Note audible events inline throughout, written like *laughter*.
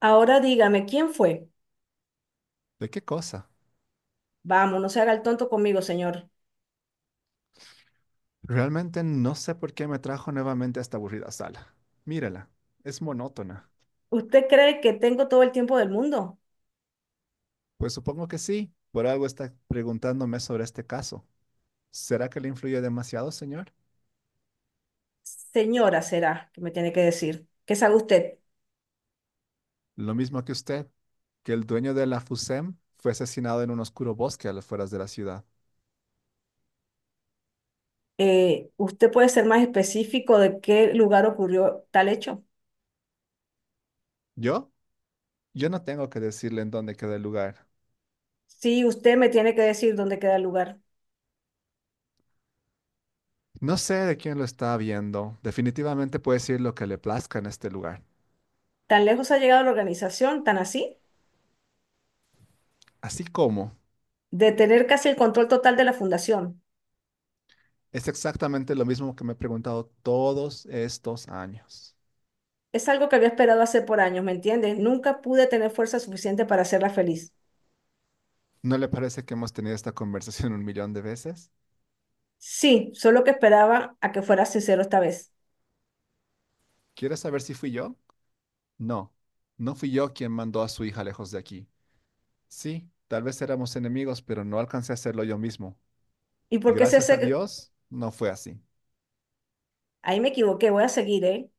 Ahora dígame, ¿quién fue? ¿De qué cosa? Vamos, no se haga el tonto conmigo, señor. Realmente no sé por qué me trajo nuevamente a esta aburrida sala. Mírala, es monótona. ¿Usted cree que tengo todo el tiempo del mundo? Pues supongo que sí, por algo está preguntándome sobre este caso. ¿Será que le influyó demasiado, señor? Señora, será que me tiene que decir. ¿Qué sabe usted? Lo mismo que usted, que el dueño de la FUSEM fue asesinado en un oscuro bosque a las afueras de la ciudad. ¿Usted puede ser más específico de qué lugar ocurrió tal hecho? ¿Yo? Yo no tengo que decirle en dónde queda el lugar. Sí, usted me tiene que decir dónde queda el lugar. No sé de quién lo está viendo. Definitivamente puede decir lo que le plazca en este lugar. ¿Tan lejos ha llegado la organización, tan así? Así como. De tener casi el control total de la fundación. Es exactamente lo mismo que me he preguntado todos estos años. Es algo que había esperado hacer por años, ¿me entiende? Nunca pude tener fuerza suficiente para hacerla feliz. ¿No le parece que hemos tenido esta conversación *laughs* un millón de veces? Sí, solo que esperaba a que fuera sincero esta vez. ¿Quieres saber si fui yo? No, no fui yo quien mandó a su hija lejos de aquí. Sí, tal vez éramos enemigos, pero no alcancé a hacerlo yo mismo. ¿Y Y por qué es gracias a ese? Dios, no fue así. Ahí me equivoqué, voy a seguir, ¿eh?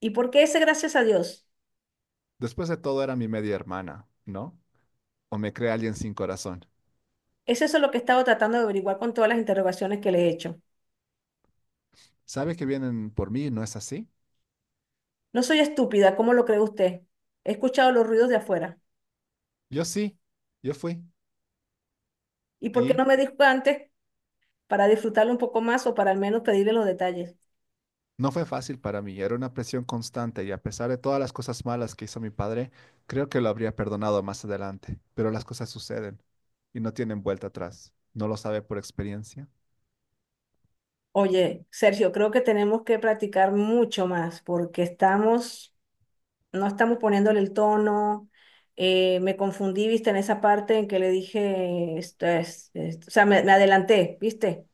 ¿Y por qué ese gracias a Dios? Después de todo era mi media hermana, ¿no? O me cree alguien sin corazón. Es eso lo que he estado tratando de averiguar con todas las interrogaciones que le he hecho. ¿Sabe que vienen por mí no es así? No soy estúpida, ¿cómo lo cree usted? He escuchado los ruidos de afuera. Yo sí, yo fui. ¿Y por qué Y no me dijo antes para disfrutarlo un poco más o para al menos pedirle los detalles? No fue fácil para mí, era una presión constante y a pesar de todas las cosas malas que hizo mi padre, creo que lo habría perdonado más adelante, pero las cosas suceden y no tienen vuelta atrás. ¿No lo sabe por experiencia? Oye, Sergio, creo que tenemos que practicar mucho más porque estamos, no estamos poniéndole el tono. Me confundí, viste, en esa parte en que le dije, esto es, o sea, me adelanté, viste.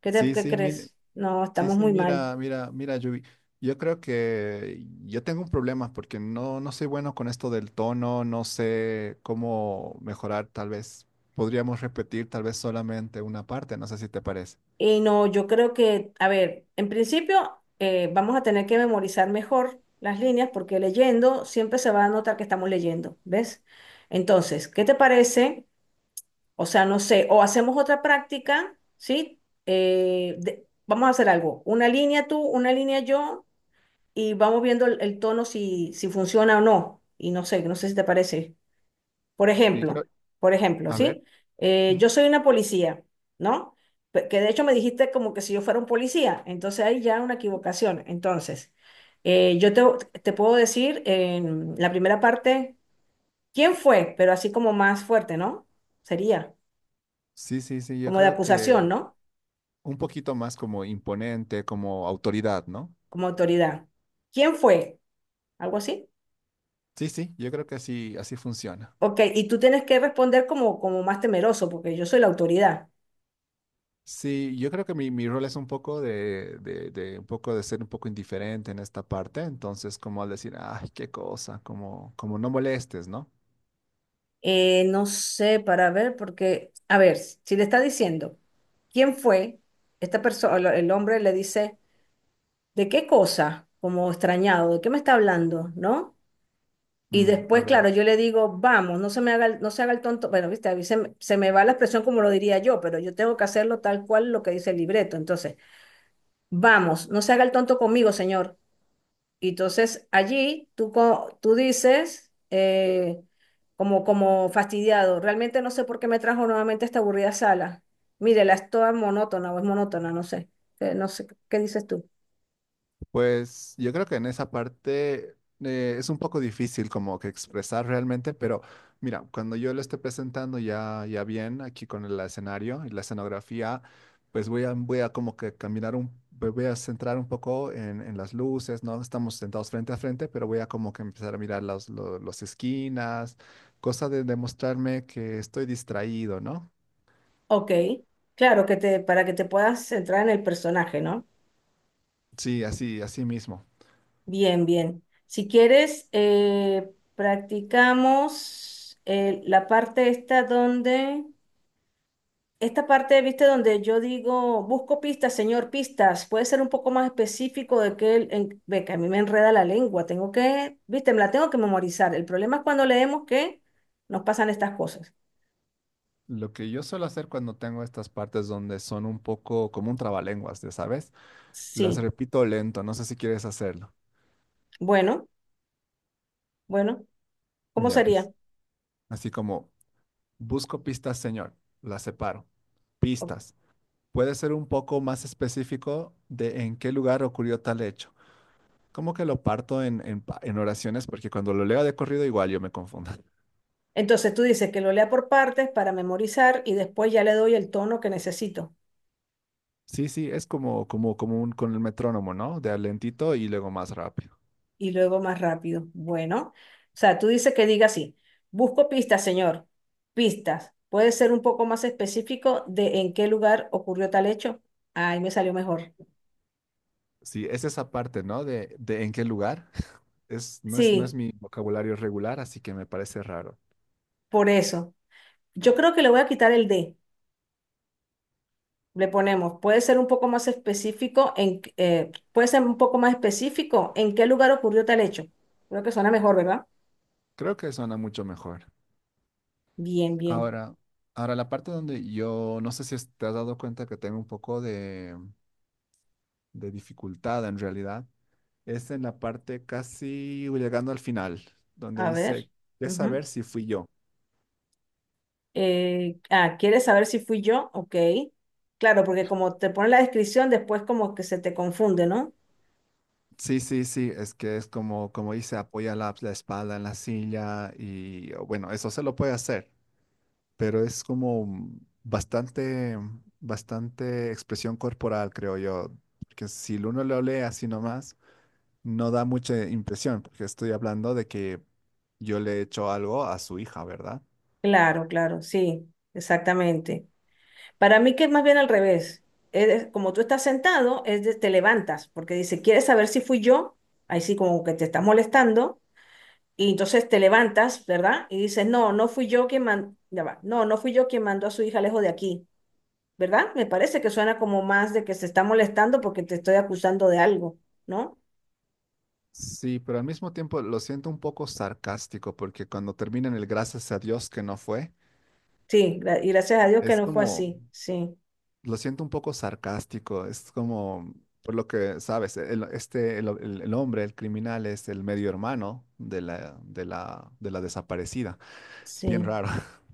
¿Qué te, Sí, qué sí, mira, crees? No, sí, estamos sí, muy mal. mira, mira, mira, Yubi. Yo creo que yo tengo un problema porque no soy bueno con esto del tono, no sé cómo mejorar, tal vez podríamos repetir tal vez solamente una parte, no sé si te parece. Y no, yo creo que, a ver, en principio vamos a tener que memorizar mejor las líneas porque leyendo siempre se va a notar que estamos leyendo, ¿ves? Entonces, ¿qué te parece? O sea, no sé, o hacemos otra práctica, ¿sí? Vamos a hacer algo, una línea tú, una línea yo, y vamos viendo el tono si, si funciona o no. Y no sé, no sé si te parece. Por Sí, creo, ejemplo, por ejemplo, a ver. ¿sí? Yo Ujú. soy una policía, ¿no? Que de hecho me dijiste como que si yo fuera un policía, entonces hay ya una equivocación. Entonces, yo te, te puedo decir en la primera parte, ¿quién fue? Pero así como más fuerte, ¿no? Sería Sí, sí, sí, yo como de creo acusación, que ¿no? un poquito más como imponente, como autoridad, ¿no? Como autoridad. ¿Quién fue? Algo así. Sí, sí, yo creo que así, así funciona. Ok, y tú tienes que responder como, como más temeroso, porque yo soy la autoridad. Sí, yo creo que mi rol es un poco de un poco de ser un poco indiferente en esta parte, entonces como al decir, ay, qué cosa, como, como no molestes, ¿no? No sé, para ver, porque, a ver, si le está diciendo quién fue esta persona, el hombre le dice, ¿de qué cosa? Como extrañado, ¿de qué me está hablando? ¿No? Y Mm, a después, ver. claro, yo le digo, vamos, no se me haga el, no se haga el tonto. Bueno, viste, a mí se, se me va la expresión como lo diría yo, pero yo tengo que hacerlo tal cual lo que dice el libreto. Entonces, vamos, no se haga el tonto conmigo, señor. Y entonces allí tú, tú dices, como, como fastidiado, realmente no sé por qué me trajo nuevamente esta aburrida sala. Mírela, es toda monótona o es monótona, no sé. No sé, ¿qué dices tú? Pues yo creo que en esa parte es un poco difícil como que expresar realmente, pero mira, cuando yo lo esté presentando ya, ya bien aquí con el escenario y la escenografía, pues voy a como que caminar un, me voy a centrar un poco en las luces, ¿no? Estamos sentados frente a frente, pero voy a como que empezar a mirar las esquinas, cosa de demostrarme que estoy distraído, ¿no? Ok, claro, que te, para que te puedas centrar en el personaje, ¿no? Sí, así, así mismo. Bien, bien. Si quieres, practicamos la parte esta donde... Esta parte, viste, donde yo digo, busco pistas, señor, pistas, puede ser un poco más específico de que, ve que a mí me enreda la lengua, tengo que, viste, me la tengo que memorizar. El problema es cuando leemos que nos pasan estas cosas. Lo que yo suelo hacer cuando tengo estas partes donde son un poco como un trabalenguas, ya sabes, las Sí, repito lento, no sé si quieres hacerlo. bueno, bueno, ¿cómo Ya sería? pues, así como busco pistas, señor, las separo. O- Pistas. Puede ser un poco más específico de en qué lugar ocurrió tal hecho. Como que lo parto en, en oraciones porque cuando lo leo de corrido igual yo me confundo. *laughs* Entonces tú dices que lo lea por partes para memorizar y después ya le doy el tono que necesito. Sí, sí, es como, como, como un, con el metrónomo, ¿no? De a lentito y luego más rápido. Y luego más rápido. Bueno, o sea, tú dices que diga así, busco pistas, señor, pistas. ¿Puede ser un poco más específico de en qué lugar ocurrió tal hecho? Ahí me salió mejor. Sí, es esa parte, ¿no? De en qué lugar. Es, no es, no es Sí, mi vocabulario regular, así que me parece raro. por eso. Yo creo que le voy a quitar el D. Le ponemos, puede ser un poco más específico en, puede ser un poco más específico en qué lugar ocurrió tal hecho. Creo que suena mejor, ¿verdad? Creo que suena mucho mejor. Bien, bien. Ahora, ahora la parte donde yo no sé si es- te has dado cuenta que tengo un poco de dificultad en realidad, es en la parte casi llegando al final, donde A dice, ver. ¿qué saber Ujú. si fui yo? ¿Quieres saber si fui yo? Ok. Claro, porque como te pone la descripción, después como que se te confunde, ¿no? Sí, sí, sí, es que es como, como dice, apoya la, la espalda en la silla y o bueno, eso se lo puede hacer. Pero es como bastante, bastante expresión corporal, creo yo, que si uno lo lee así nomás, no da mucha impresión, porque estoy hablando de que yo le he hecho algo a su hija, ¿verdad? Claro, claro, sí, exactamente. Para mí que es más bien al revés. Como tú estás sentado, te levantas, porque dice, ¿quieres saber si fui yo? Ahí sí como que te está molestando, y entonces te levantas, ¿verdad? Y dices, no, no fui yo quien mandó, ya va, no, no fui yo quien mandó a su hija lejos de aquí, ¿verdad? Me parece que suena como más de que se está molestando porque te estoy acusando de algo, ¿no? Sí, pero al mismo tiempo lo siento un poco sarcástico, porque cuando terminan el gracias a Dios que no fue, Sí, y gracias a Dios que es no fue como, así. Sí, lo siento un poco sarcástico, es como, por lo que sabes, el, este, el, el hombre, el criminal, es el medio hermano de la, de la, de la desaparecida. Es bien sí, raro. *laughs*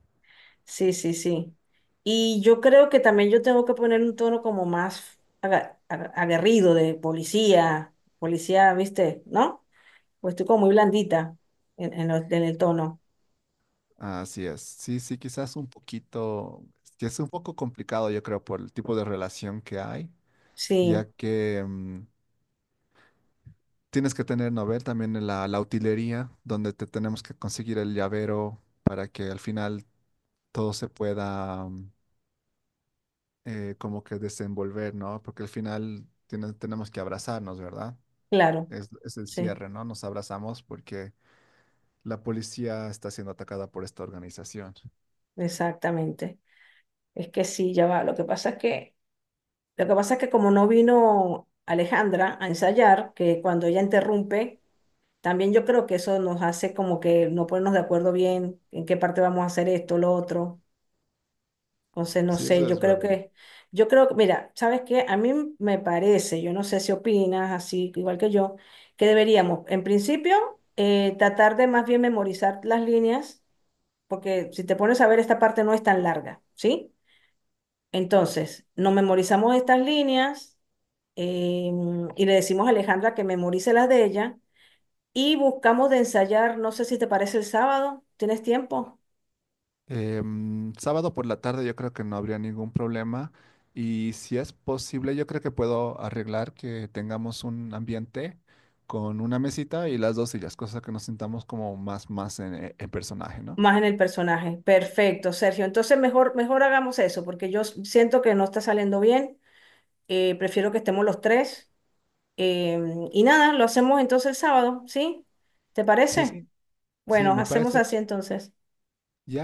sí, sí, sí. Y yo creo que también yo tengo que poner un tono como más aguerrido de policía, policía, ¿viste? ¿No? Pues estoy como muy blandita en, en el tono. Así es. Sí, sí, quizás un poquito, que es un poco complicado, yo creo, por el tipo de relación que hay, Sí, ya que mm, tienes que tener, ¿no? Ver también en la, la utilería, donde te tenemos que conseguir el llavero para que al final todo se pueda. Mm, como que desenvolver, ¿no? Porque al final tenemos que abrazarnos, ¿verdad? claro, Es el sí, cierre, ¿no? Nos abrazamos porque la policía está siendo atacada por esta organización. exactamente. Es que sí, ya va. Lo que pasa es que, lo que pasa es que como no vino Alejandra a ensayar, que cuando ella interrumpe. También yo creo que eso nos hace como que no ponernos de acuerdo bien en qué parte vamos a hacer esto, lo otro. Entonces, no Sí, sé, eso es verdad. Yo creo que, mira, ¿sabes qué? A mí me parece, yo no sé si opinas así, igual que yo, que deberíamos, en principio, tratar de más bien memorizar las líneas, porque si te pones a ver, esta parte no es tan larga, ¿sí? Entonces, nos memorizamos estas líneas y le decimos a Alejandra que memorice las de ella. Y buscamos de ensayar, no sé si te parece el sábado, ¿tienes tiempo? Em, sábado por la tarde yo creo que no habría ningún problema y si es posible yo creo que puedo arreglar que tengamos un ambiente con una mesita y las dos sillas, cosa que nos sintamos como más, más en personaje, ¿no? Más en el personaje. Perfecto, Sergio. Entonces mejor, mejor hagamos eso, porque yo siento que no está saliendo bien. Prefiero que estemos los tres. Y nada, lo hacemos entonces el sábado, ¿sí? ¿Te Sí, parece? sí, sí, Bueno, me hacemos parece. así entonces. Ya.